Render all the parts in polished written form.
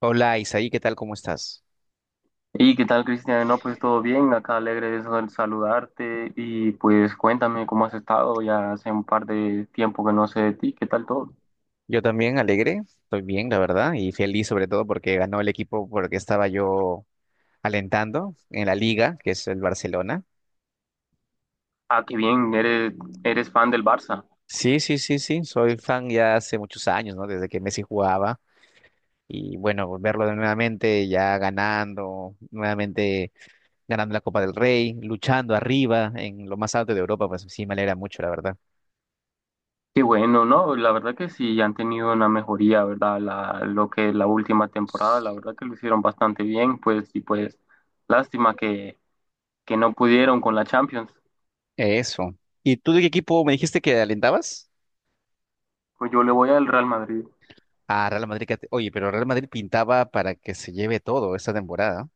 Hola Isaí, ¿qué tal? ¿Cómo estás? ¿Y qué tal, Cristian? No, pues todo bien, acá alegre de saludarte y pues cuéntame cómo has estado, ya hace un par de tiempo que no sé de ti, ¿qué tal todo? Yo también alegre, estoy bien, la verdad, y feliz sobre todo porque ganó el equipo porque estaba yo alentando en la liga, que es el Barcelona. Ah, qué bien, eres fan del Barça. Sí, sí, sí, sí, soy fan ya hace muchos años, ¿no? Desde que Messi jugaba y bueno, verlo de nuevamente ya ganando, nuevamente ganando la Copa del Rey, luchando arriba en lo más alto de Europa, pues sí, me alegra mucho, la verdad. Qué bueno, ¿no? La verdad que sí, han tenido una mejoría, ¿verdad? Lo que la última temporada, la verdad que lo hicieron bastante bien, pues y pues lástima que no pudieron con la Champions. Eso. ¿Y tú de qué equipo me dijiste que alentabas? Pues yo le voy al Real Madrid. Ah, Real Madrid, oye, pero Real Madrid pintaba para que se lleve todo esta temporada.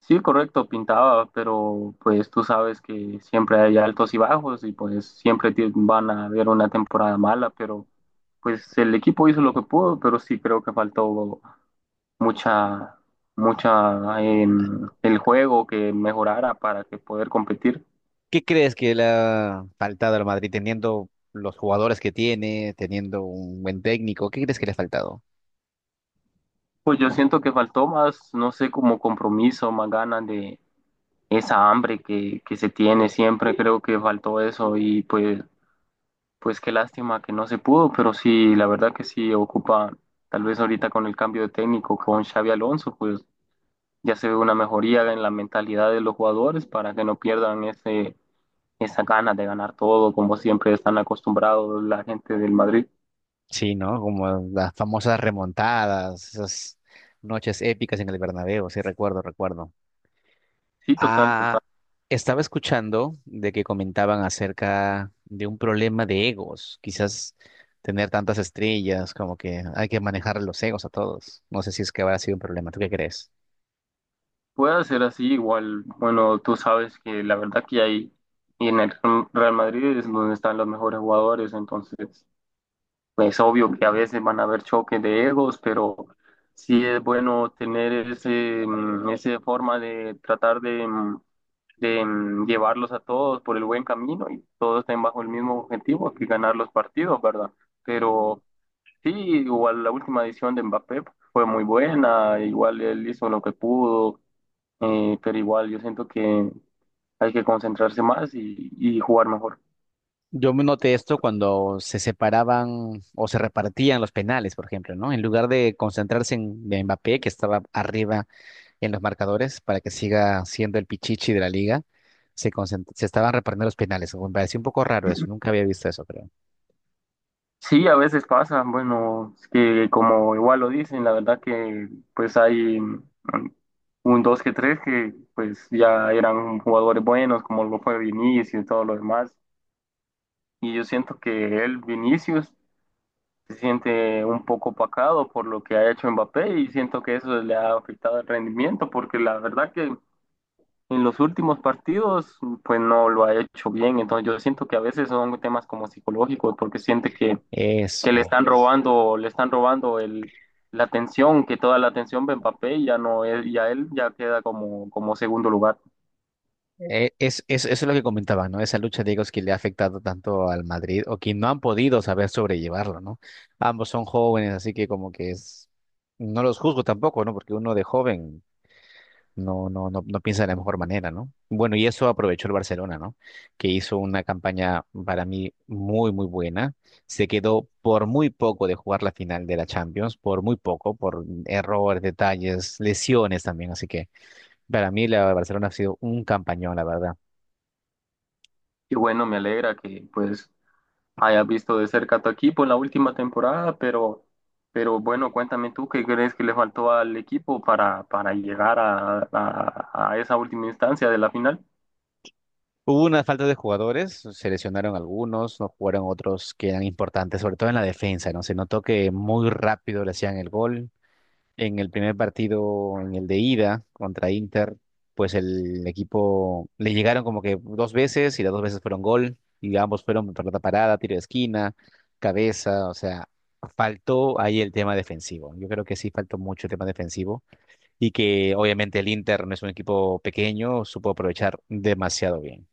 Sí, correcto, pintaba, pero pues tú sabes que siempre hay altos y bajos y pues siempre van a haber una temporada mala, pero pues el equipo hizo lo que pudo, pero sí creo que faltó mucha, mucha en el juego que mejorara para que poder competir. ¿Qué crees que le ha faltado al Madrid teniendo los jugadores que tiene, teniendo un buen técnico? ¿Qué crees que le ha faltado? Pues yo siento que faltó más, no sé, como compromiso, más ganas de esa hambre que se tiene siempre, creo que faltó eso y pues pues qué lástima que no se pudo, pero sí, la verdad que sí ocupa, tal vez ahorita con el cambio de técnico con Xavi Alonso, pues ya se ve una mejoría en la mentalidad de los jugadores para que no pierdan esa ganas de ganar todo, como siempre están acostumbrados la gente del Madrid. Sí, ¿no? Como las famosas remontadas, esas noches épicas en el Bernabéu, sí, recuerdo, recuerdo. Sí, total, total. Ah, estaba escuchando de que comentaban acerca de un problema de egos, quizás tener tantas estrellas, como que hay que manejar los egos a todos. No sé si es que habrá sido un problema. ¿Tú qué crees? Puede ser así, igual, bueno, tú sabes que la verdad que hay, y en el Real Madrid es donde están los mejores jugadores, entonces es obvio que a veces van a haber choques de egos, pero sí es bueno tener esa forma de tratar de llevarlos a todos por el buen camino y todos estén bajo el mismo objetivo, que ganar los partidos, ¿verdad? Pero sí, igual la última edición de Mbappé fue muy buena, igual él hizo lo que pudo, pero igual yo siento que hay que concentrarse más y jugar mejor. Yo me noté esto cuando se separaban o se repartían los penales, por ejemplo, ¿no? En lugar de concentrarse en Mbappé, que estaba arriba en los marcadores para que siga siendo el pichichi de la liga, se estaban repartiendo los penales. Me pareció un poco raro eso, nunca había visto eso, creo. Sí, a veces pasa, bueno, es que como igual lo dicen, la verdad que pues hay un dos que tres que pues ya eran jugadores buenos, como lo fue Vinicius y todo lo demás. Y yo siento que él, Vinicius, se siente un poco opacado por lo que ha hecho Mbappé y siento que eso le ha afectado el rendimiento, porque la verdad que en los últimos partidos pues no lo ha hecho bien. Entonces yo siento que a veces son temas como psicológicos, porque siente que Eso. Le están robando la atención, que toda la atención va en papel, ya no, ya él ya queda como, como segundo lugar. Eso es lo que comentaba, ¿no? Esa lucha de egos que le ha afectado tanto al Madrid o que no han podido saber sobrellevarlo, ¿no? Ambos son jóvenes, así que no los juzgo tampoco, ¿no? Porque uno de joven no piensa de la mejor manera, ¿no? Bueno, y eso aprovechó el Barcelona, ¿no? Que hizo una campaña para mí muy, muy buena. Se quedó por muy poco de jugar la final de la Champions, por muy poco, por errores, detalles, lesiones también, así que para mí la Barcelona ha sido un campañón, la verdad. Y bueno, me alegra que pues hayas visto de cerca a tu equipo en la última temporada, pero bueno, cuéntame tú qué crees que le faltó al equipo para llegar a esa última instancia de la final. Hubo una falta de jugadores, se lesionaron algunos, no jugaron otros que eran importantes, sobre todo en la defensa, ¿no? Se notó que muy rápido le hacían el gol. En el primer partido, en el de ida contra Inter, pues el equipo le llegaron como que dos veces y las dos veces fueron gol y ambos fueron pelota parada, tiro de esquina, cabeza, o sea, faltó ahí el tema defensivo. Yo creo que sí faltó mucho el tema defensivo y que obviamente el Inter no es un equipo pequeño, supo aprovechar demasiado bien.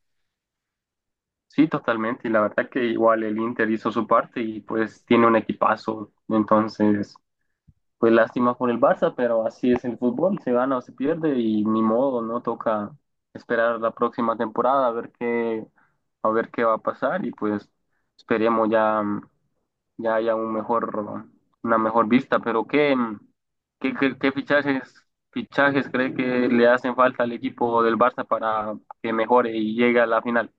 Sí, totalmente. Y la verdad que igual el Inter hizo su parte y pues tiene un equipazo. Entonces, pues lástima por el Barça, pero así es el fútbol, se gana o se pierde y ni modo, no toca esperar la próxima temporada a ver a ver qué va a pasar y pues esperemos ya, ya haya un mejor, una mejor vista. Pero ¿qué fichajes cree que le hacen falta al equipo del Barça para que mejore y llegue a la final?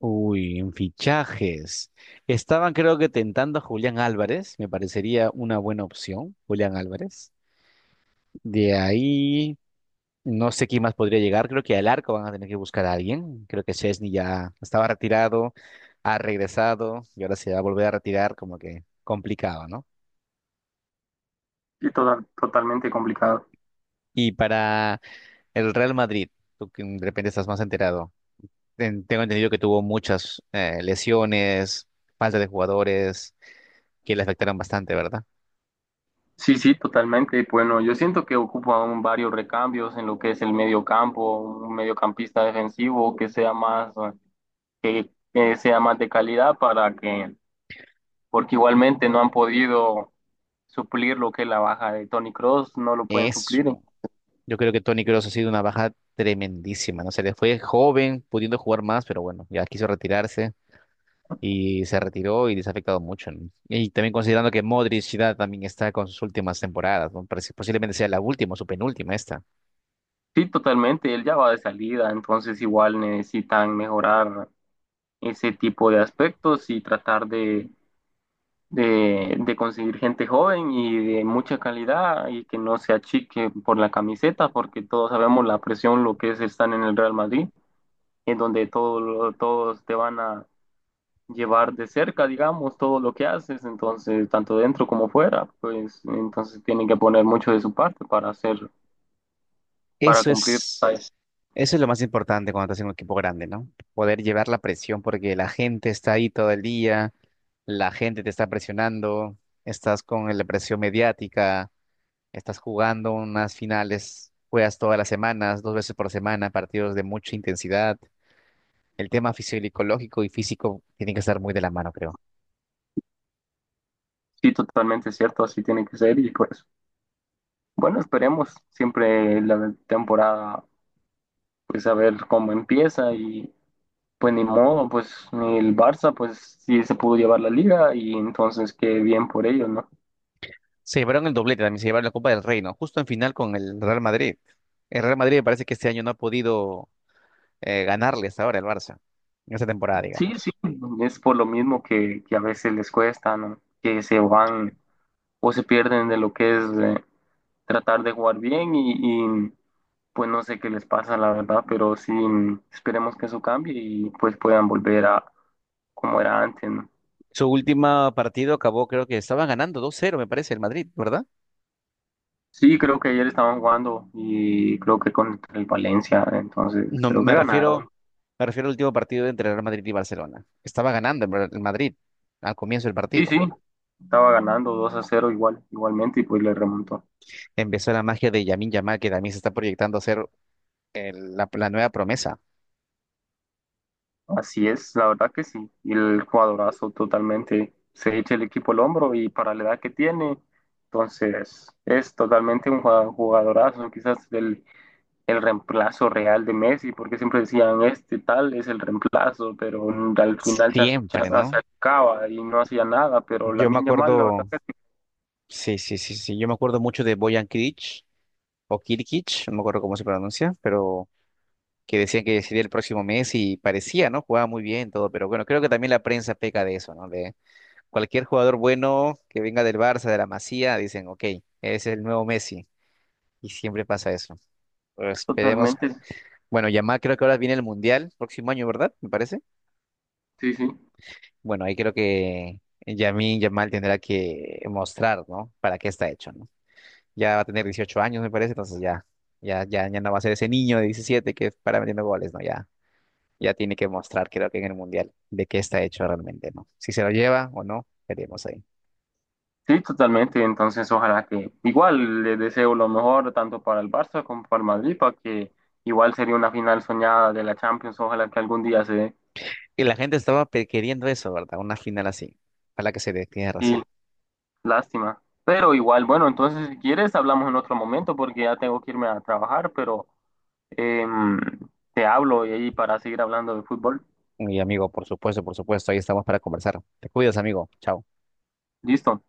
Uy, en fichajes. Estaban creo que tentando a Julián Álvarez, me parecería una buena opción, Julián Álvarez. De ahí, no sé quién más podría llegar, creo que al arco van a tener que buscar a alguien. Creo que Chesney ya estaba retirado, ha regresado y ahora se va a volver a retirar, como que complicado, ¿no? Sí, total totalmente complicado. Y para el Real Madrid, tú que de repente estás más enterado, tengo entendido que tuvo muchas lesiones, falta de jugadores que le afectaron bastante, ¿verdad? Sí, sí, totalmente. Bueno, yo siento que ocupan varios recambios en lo que es el medio campo, un mediocampista defensivo que sea más de calidad para que, porque igualmente no han podido suplir lo que es la baja de Tony Cross, no lo pueden Eso. suplir. Yo creo que Tony Kroos ha sido una baja tremendísima, ¿no? Se le fue joven, pudiendo jugar más, pero bueno, ya quiso retirarse y se retiró y les ha afectado mucho, ¿no? Y también considerando que Modric ya también está con sus últimas temporadas, ¿no? Posiblemente sea la última o su penúltima esta. Sí, totalmente, él ya va de salida, entonces igual necesitan mejorar ese tipo de aspectos y tratar de conseguir gente joven y de mucha calidad y que no se achique por la camiseta, porque todos sabemos la presión, lo que es estar en el Real Madrid, en donde todos te van a llevar de cerca, digamos, todo lo que haces, entonces, tanto dentro como fuera, pues entonces tienen que poner mucho de su parte para para Eso cumplir, es, pues. eso es lo más importante cuando estás en un equipo grande, ¿no? Poder llevar la presión porque la gente está ahí todo el día, la gente te está presionando, estás con la presión mediática. Estás jugando unas finales, juegas todas las semanas, dos veces por semana, partidos de mucha intensidad. El tema fisiológico y físico tiene que estar muy de la mano, creo. Sí, totalmente cierto, así tiene que ser y pues bueno, esperemos siempre la temporada, pues a ver cómo empieza y pues ni modo, pues ni el Barça, pues sí se pudo llevar la liga y entonces qué bien por ellos, ¿no? Se llevaron el doblete, también se llevaron la Copa del Reino, justo en final con el Real Madrid. El Real Madrid me parece que este año no ha podido ganarle hasta ahora el Barça, en esta temporada, Sí, sí, digamos. es por lo mismo que a veces les cuesta, ¿no? Que se van o se pierden de lo que es tratar de jugar bien y, pues no sé qué les pasa, la verdad, pero sí esperemos que eso cambie y pues puedan volver a como era antes, ¿no? Su último partido acabó, creo que estaba ganando 2-0, me parece, el Madrid, ¿verdad? Sí, creo que ayer estaban jugando y creo que contra el Valencia, entonces No, creo que ganaron. me refiero al último partido entre Real Madrid y Barcelona. Estaba ganando el el Madrid al comienzo del Sí, partido. sí, estaba ganando 2-0 igual, igualmente y pues le remontó. Empezó la magia de Yamin Yamal, que también se está proyectando a ser la nueva promesa. Así es, la verdad que sí. Y el jugadorazo totalmente se echa el equipo al hombro y para la edad que tiene, entonces es totalmente un jugadorazo, quizás el reemplazo real de Messi, porque siempre decían este tal es el reemplazo, pero al final Siempre, se ¿no? acaba y no hacía nada, pero la Yo me Lamine Yamal, la acuerdo, verdad, sí, sí, sí, sí, yo me acuerdo mucho de Bojan Kric o Kirkic, no me acuerdo cómo se pronuncia, pero que decían que sería el próximo mes y parecía, ¿no? Jugaba muy bien todo, pero bueno, creo que también la prensa peca de eso, ¿no? De cualquier jugador bueno que venga del Barça, de la Masía, dicen, ok, es el nuevo Messi, y siempre pasa eso. Pero esperemos, totalmente, bueno, Yamal creo que ahora viene el Mundial, próximo año, ¿verdad? Me parece. sí, sí. Bueno, ahí creo que Yamin Yamal tendrá que mostrar, ¿no? Para qué está hecho, ¿no? Ya va a tener 18 años, me parece, entonces ya, ya no va a ser ese niño de 17 que para metiendo goles, ¿no? Ya, ya tiene que mostrar, creo que en el Mundial, de qué está hecho realmente, ¿no? Si se lo lleva o no, veremos ahí. Sí, totalmente. Entonces, ojalá que igual le deseo lo mejor tanto para el Barça como para el Madrid, para que igual sería una final soñada de la Champions. Ojalá que algún día se dé. Y la gente estaba queriendo eso, ¿verdad? Una final así. Ojalá que se dé, tienes Y razón. lástima. Pero igual, bueno, entonces si quieres hablamos en otro momento porque ya tengo que irme a trabajar, pero em, te hablo y ahí para seguir hablando de fútbol. Mi amigo, por supuesto, ahí estamos para conversar. Te cuidas, amigo. Chao. Listo.